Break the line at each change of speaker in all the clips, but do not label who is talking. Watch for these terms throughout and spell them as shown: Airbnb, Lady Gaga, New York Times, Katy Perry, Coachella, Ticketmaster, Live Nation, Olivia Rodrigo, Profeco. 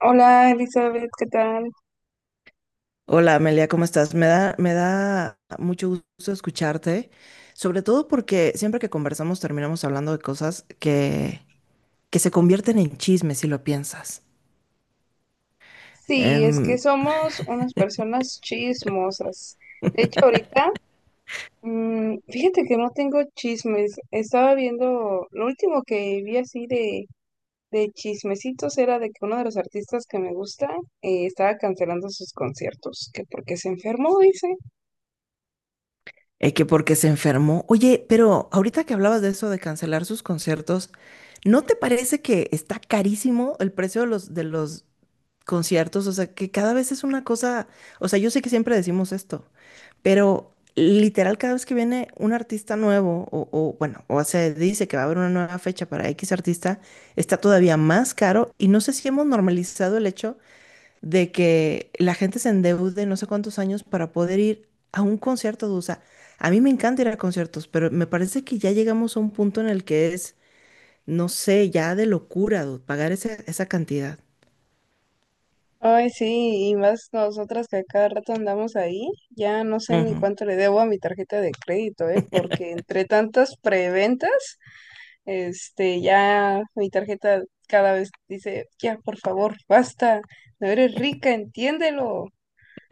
Hola Elizabeth, ¿qué tal?
Hola Amelia, ¿cómo estás? Me da mucho gusto escucharte, sobre todo porque siempre que conversamos terminamos hablando de cosas que se convierten en chismes si lo piensas.
Sí, es
Em,
que somos unas personas chismosas. De hecho, ahorita, fíjate que no tengo chismes. Estaba viendo, lo último que vi así de chismecitos era de que uno de los artistas que me gusta estaba cancelando sus conciertos, que porque se enfermó, dice.
que porque se enfermó. Oye, pero ahorita que hablabas de eso de cancelar sus conciertos, ¿no te parece que está carísimo el precio de los conciertos? O sea, que cada vez es una cosa, o sea, yo sé que siempre decimos esto, pero literal, cada vez que viene un artista nuevo, o, bueno, o se dice que va a haber una nueva fecha para X artista, está todavía más caro. Y no sé si hemos normalizado el hecho de que la gente se endeude no sé cuántos años para poder ir a un concierto de USA. A mí me encanta ir a conciertos, pero me parece que ya llegamos a un punto en el que es, no sé, ya de locura, dude, pagar esa cantidad.
Ay, sí, y más nosotras que a cada rato andamos ahí, ya no sé ni cuánto le debo a mi tarjeta de crédito, ¿eh? Porque entre tantas preventas... Este, ya mi tarjeta cada vez dice, ya, por favor, basta, no eres rica, entiéndelo.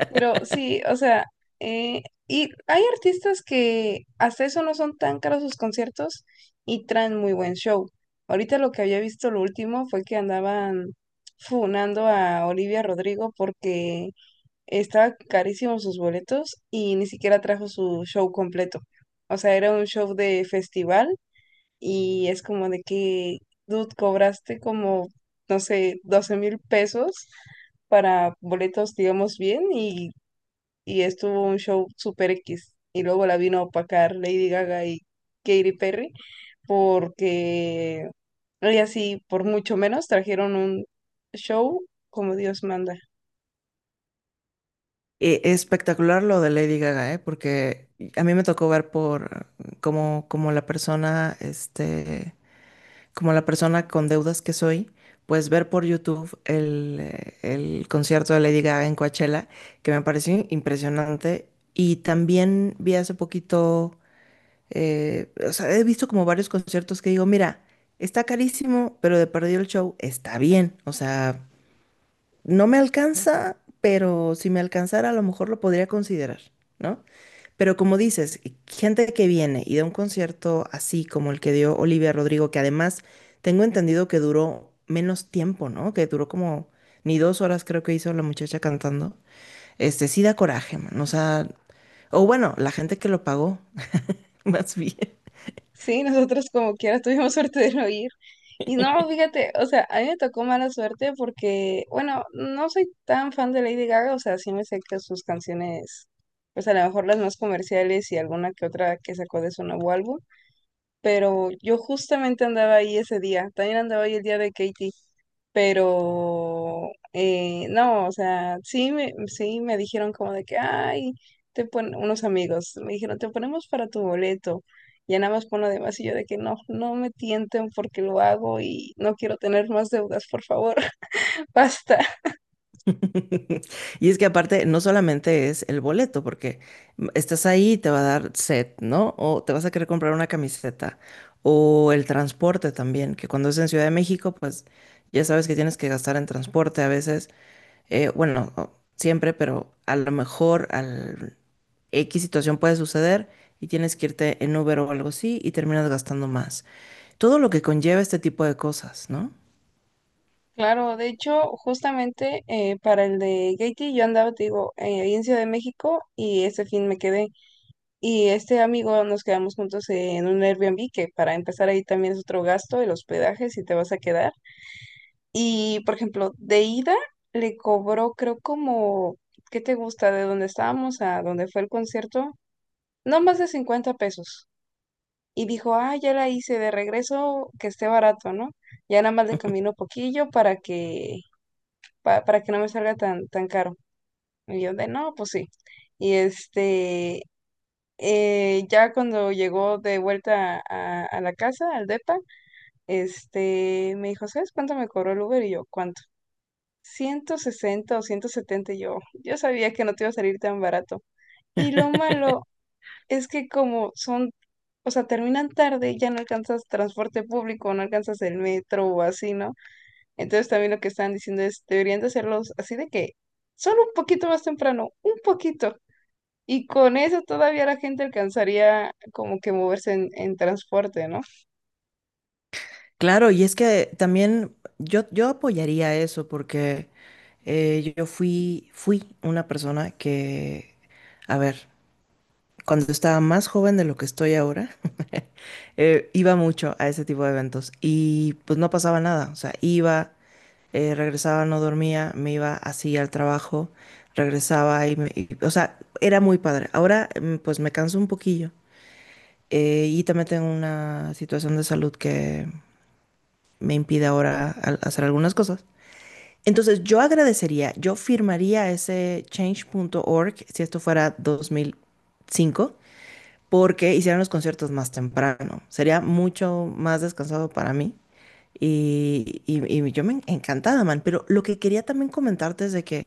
Pero sí, o sea, eh, y hay artistas que hasta eso no son tan caros sus conciertos y traen muy buen show. Ahorita lo que había visto lo último fue que andaban funando a Olivia Rodrigo porque estaba carísimo sus boletos y ni siquiera trajo su show completo. O sea, era un show de festival y es como de que, dude, cobraste como, no sé, 12,000 pesos para boletos, digamos, bien, y estuvo un show super X. Y luego la vino a opacar Lady Gaga y Katy Perry, porque ellas sí, por mucho menos, trajeron un show como Dios manda.
Espectacular lo de Lady Gaga, ¿eh? Porque a mí me tocó ver por como la persona, como la persona con deudas que soy, pues ver por YouTube el concierto de Lady Gaga en Coachella, que me pareció impresionante. Y también vi hace poquito, o sea, he visto como varios conciertos que digo, mira, está carísimo, pero de perdido el show está bien. O sea, no me alcanza, pero si me alcanzara, a lo mejor lo podría considerar, ¿no? Pero como dices, gente que viene y da un concierto así como el que dio Olivia Rodrigo, que además tengo entendido que duró menos tiempo, ¿no? Que duró como ni 2 horas, creo que hizo la muchacha cantando. Este sí da coraje, man. O sea, o bueno, la gente que lo pagó, más bien.
Sí, nosotros como quiera tuvimos suerte de no ir. Y no, fíjate, o sea, a mí me tocó mala suerte porque, bueno, no soy tan fan de Lady Gaga, o sea, sí me sé que sus canciones, pues a lo mejor las más comerciales y alguna que otra que sacó de su nuevo álbum, pero yo justamente andaba ahí ese día, también andaba ahí el día de Katie, pero no, o sea, sí me dijeron como de que, ay, te pon unos amigos, me dijeron, te ponemos para tu boleto, ya nada más pon lo demás, y yo de que no, no me tienten porque lo hago y no quiero tener más deudas, por favor, basta.
Y es que aparte no solamente es el boleto, porque estás ahí, te va a dar set, ¿no? O te vas a querer comprar una camiseta. O el transporte también, que cuando es en Ciudad de México, pues ya sabes que tienes que gastar en transporte a veces. Bueno, siempre, pero a lo mejor al X situación puede suceder y tienes que irte en Uber o algo así y terminas gastando más. Todo lo que conlleva este tipo de cosas, ¿no?
Claro, de hecho, justamente para el de Katie yo andaba, te digo, ahí en Ciudad de México y ese fin me quedé. Y este amigo nos quedamos juntos en un Airbnb, que para empezar ahí también es otro gasto, el hospedaje, si te vas a quedar. Y, por ejemplo, de ida le cobró, creo, como, ¿qué te gusta? De donde estábamos a donde fue el concierto, no más de 50 pesos. Y dijo, ah, ya la hice de regreso, que esté barato, ¿no? Ya nada más le camino poquillo para que, para que no me salga tan caro. Y yo de, no, pues sí. Y este, ya cuando llegó de vuelta a la casa, al depa, este, me dijo, ¿sabes cuánto me cobró el Uber? Y yo, ¿cuánto? 160 o 170. Y yo sabía que no te iba a salir tan barato. Y lo malo es que como son, o sea, terminan tarde, ya no alcanzas transporte público, no alcanzas el metro o así, ¿no? Entonces también lo que estaban diciendo es, deberían de hacerlos así de que solo un poquito más temprano, un poquito. Y con eso todavía la gente alcanzaría como que moverse en transporte, ¿no?
Claro, y es que también yo apoyaría eso porque yo fui, fui una persona que, a ver, cuando estaba más joven de lo que estoy ahora, iba mucho a ese tipo de eventos y pues no pasaba nada, o sea, iba, regresaba, no dormía, me iba así al trabajo, regresaba y, o sea, era muy padre. Ahora pues me canso un poquillo y también tengo una situación de salud que me impide ahora hacer algunas cosas. Entonces yo agradecería, yo firmaría ese change.org si esto fuera 2005 porque hicieran los conciertos más temprano. Sería mucho más descansado para mí. Y yo encantada, man. Pero lo que quería también comentarte es de que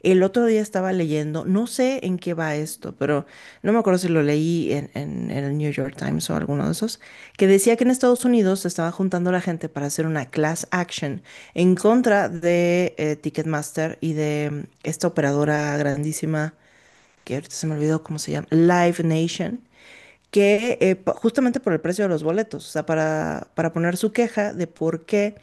el otro día estaba leyendo, no sé en qué va esto, pero no me acuerdo si lo leí en, en el New York Times o alguno de esos, que decía que en Estados Unidos se estaba juntando la gente para hacer una class action en contra de Ticketmaster y de esta operadora grandísima que ahorita se me olvidó cómo se llama, Live Nation que justamente por el precio de los boletos, o sea, para poner su queja de por qué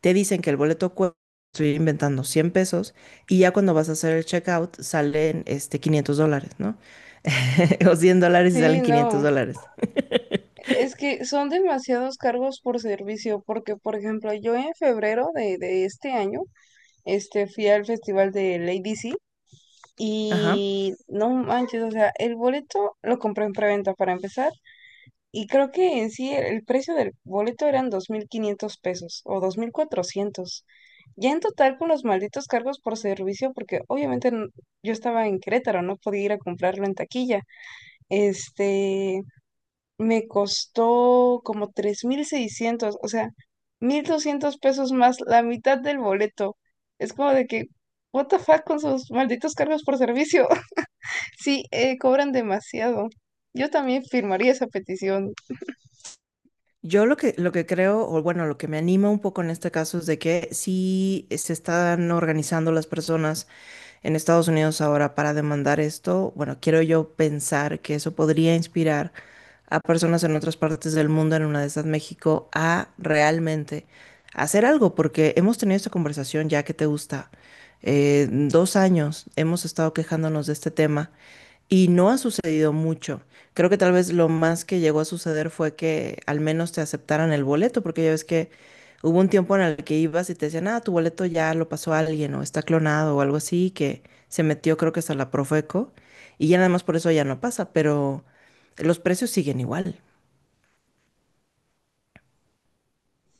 te dicen que el boleto cuesta, estoy inventando 100 pesos, y ya cuando vas a hacer el checkout salen este, $500, ¿no? O $100 y
Sí,
salen 500
no.
dólares.
Es que son demasiados cargos por servicio, porque por ejemplo, yo en febrero de este año, este, fui al festival de Lady C
Ajá.
y no manches, o sea, el boleto lo compré en preventa para empezar. Y creo que en sí el precio del boleto eran 2,500 pesos o 2,400. Ya en total con los malditos cargos por servicio, porque obviamente yo estaba en Querétaro, no podía ir a comprarlo en taquilla. Este, me costó como 3,600, o sea, 1,200 pesos más la mitad del boleto. Es como de que, what the fuck con sus malditos cargos por servicio. Sí, cobran demasiado. Yo también firmaría esa petición.
Yo lo que creo, o bueno, lo que me anima un poco en este caso es de que sí se están organizando las personas en Estados Unidos ahora para demandar esto. Bueno, quiero yo pensar que eso podría inspirar a personas en otras partes del mundo, en una de estas México, a realmente hacer algo, porque hemos tenido esta conversación ya que te gusta. 2 años hemos estado quejándonos de este tema y no ha sucedido mucho. Creo que tal vez lo más que llegó a suceder fue que al menos te aceptaran el boleto, porque ya ves que hubo un tiempo en el que ibas y te decían, ah, tu boleto ya lo pasó alguien o está clonado o algo así, que se metió creo que hasta la Profeco y ya nada más por eso ya no pasa, pero los precios siguen igual.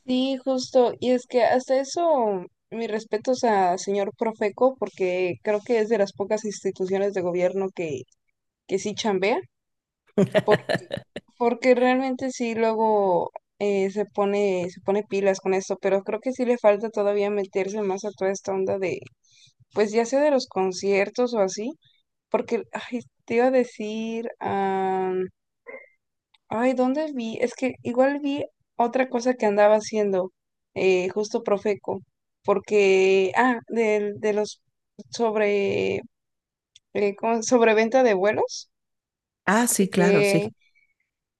Sí, justo. Y es que hasta eso, mis respetos a señor Profeco, porque creo que es de las pocas instituciones de gobierno que sí chambea, porque, porque realmente sí luego se pone pilas con esto, pero creo que sí le falta todavía meterse más a toda esta onda de, pues ya sea de los conciertos o así, porque, ay, te iba a decir, ay, ¿dónde vi? Es que igual vi otra cosa que andaba haciendo, justo Profeco, porque, ah, los sobre, ¿cómo? Sobreventa de vuelos,
Ah,
de
sí, claro,
que
sí.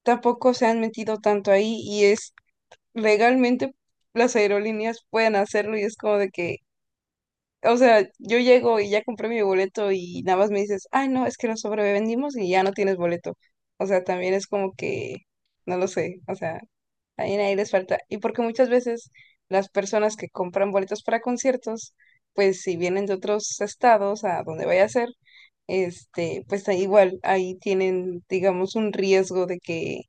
tampoco se han metido tanto ahí y es legalmente las aerolíneas pueden hacerlo y es como de que, o sea, yo llego y ya compré mi boleto y nada más me dices, ay, no, es que lo sobrevendimos y ya no tienes boleto. O sea, también es como que, no lo sé, o sea. También ahí les falta. Y porque muchas veces las personas que compran boletos para conciertos, pues si vienen de otros estados a donde vaya a ser, este, pues ahí igual, ahí tienen, digamos, un riesgo de que,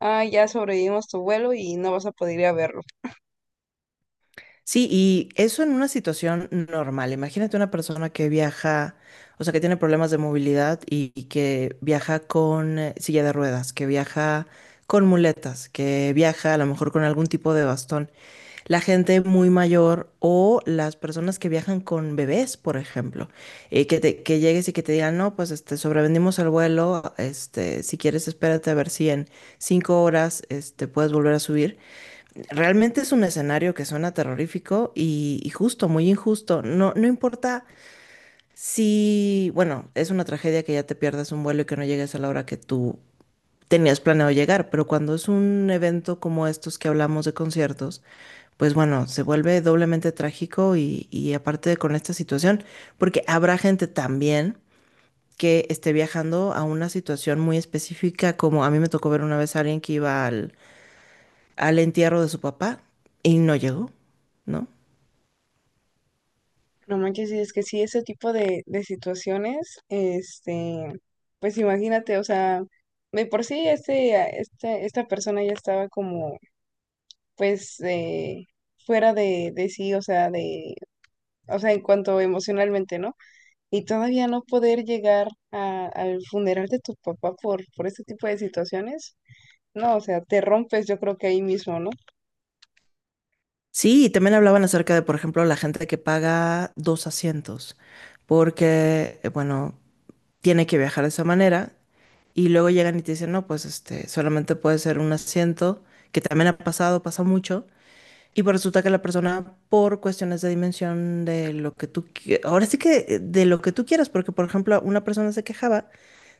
ah, ya sobrevivimos tu vuelo y no vas a poder ir a verlo.
Sí, y eso en una situación normal. Imagínate una persona que viaja, o sea, que tiene problemas de movilidad y que viaja con silla de ruedas, que viaja con muletas, que viaja a lo mejor con algún tipo de bastón. La gente muy mayor o las personas que viajan con bebés, por ejemplo, que llegues y que te digan, no, pues este, sobrevendimos el vuelo, este, si quieres espérate a ver si en 5 horas este, puedes volver a subir. Realmente es un escenario que suena terrorífico y justo, muy injusto. No, no importa si, bueno, es una tragedia que ya te pierdas un vuelo y que no llegues a la hora que tú tenías planeado llegar, pero cuando es un evento como estos que hablamos de conciertos, pues bueno, se vuelve doblemente trágico y aparte con esta situación, porque habrá gente también que esté viajando a una situación muy específica, como a mí me tocó ver una vez a alguien que iba al entierro de su papá y no llegó, ¿no?
No manches, y es que sí, ese tipo de situaciones, este, pues imagínate, o sea, de por sí este, este, esta persona ya estaba como, pues, fuera de sí, o sea, de o sea, en cuanto emocionalmente, ¿no? Y todavía no poder llegar al funeral de tu papá por este tipo de situaciones, no, o sea, te rompes yo creo que ahí mismo, ¿no?
Sí, y también hablaban acerca de, por ejemplo, la gente que paga dos asientos, porque, bueno, tiene que viajar de esa manera y luego llegan y te dicen, no, pues este, solamente puede ser un asiento, que también ha pasado, pasa mucho, y pues resulta que la persona, por cuestiones de dimensión de lo que tú, ahora sí que de lo que tú quieras, porque, por ejemplo, una persona se quejaba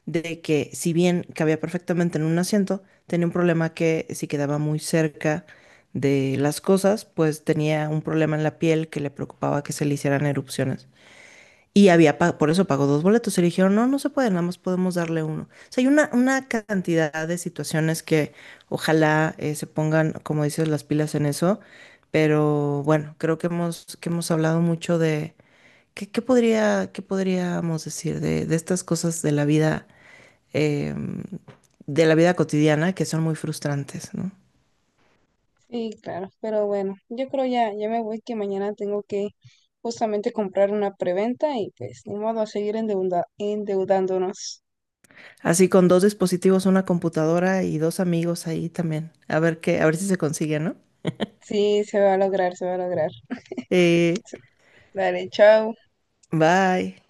de que si bien cabía perfectamente en un asiento, tenía un problema que si quedaba muy cerca de las cosas, pues tenía un problema en la piel que le preocupaba que se le hicieran erupciones. Y había, por eso pagó dos boletos. Y le dijeron, no, no se puede, nada más podemos darle uno. O sea, hay una cantidad de situaciones que ojalá se pongan, como dices, las pilas en eso. Pero bueno, creo que hemos hablado mucho de qué qué podríamos decir de estas cosas de la vida, em, de la vida cotidiana que son muy frustrantes, ¿no?
Sí, claro, pero bueno, yo creo ya me voy que mañana tengo que justamente comprar una preventa y pues ni modo a seguir endeudándonos.
Así con dos dispositivos, una computadora y dos amigos ahí también. A ver si se consigue, ¿no?
Sí, se va a lograr, se va a lograr.
Eh,
Dale, chao.
Bye.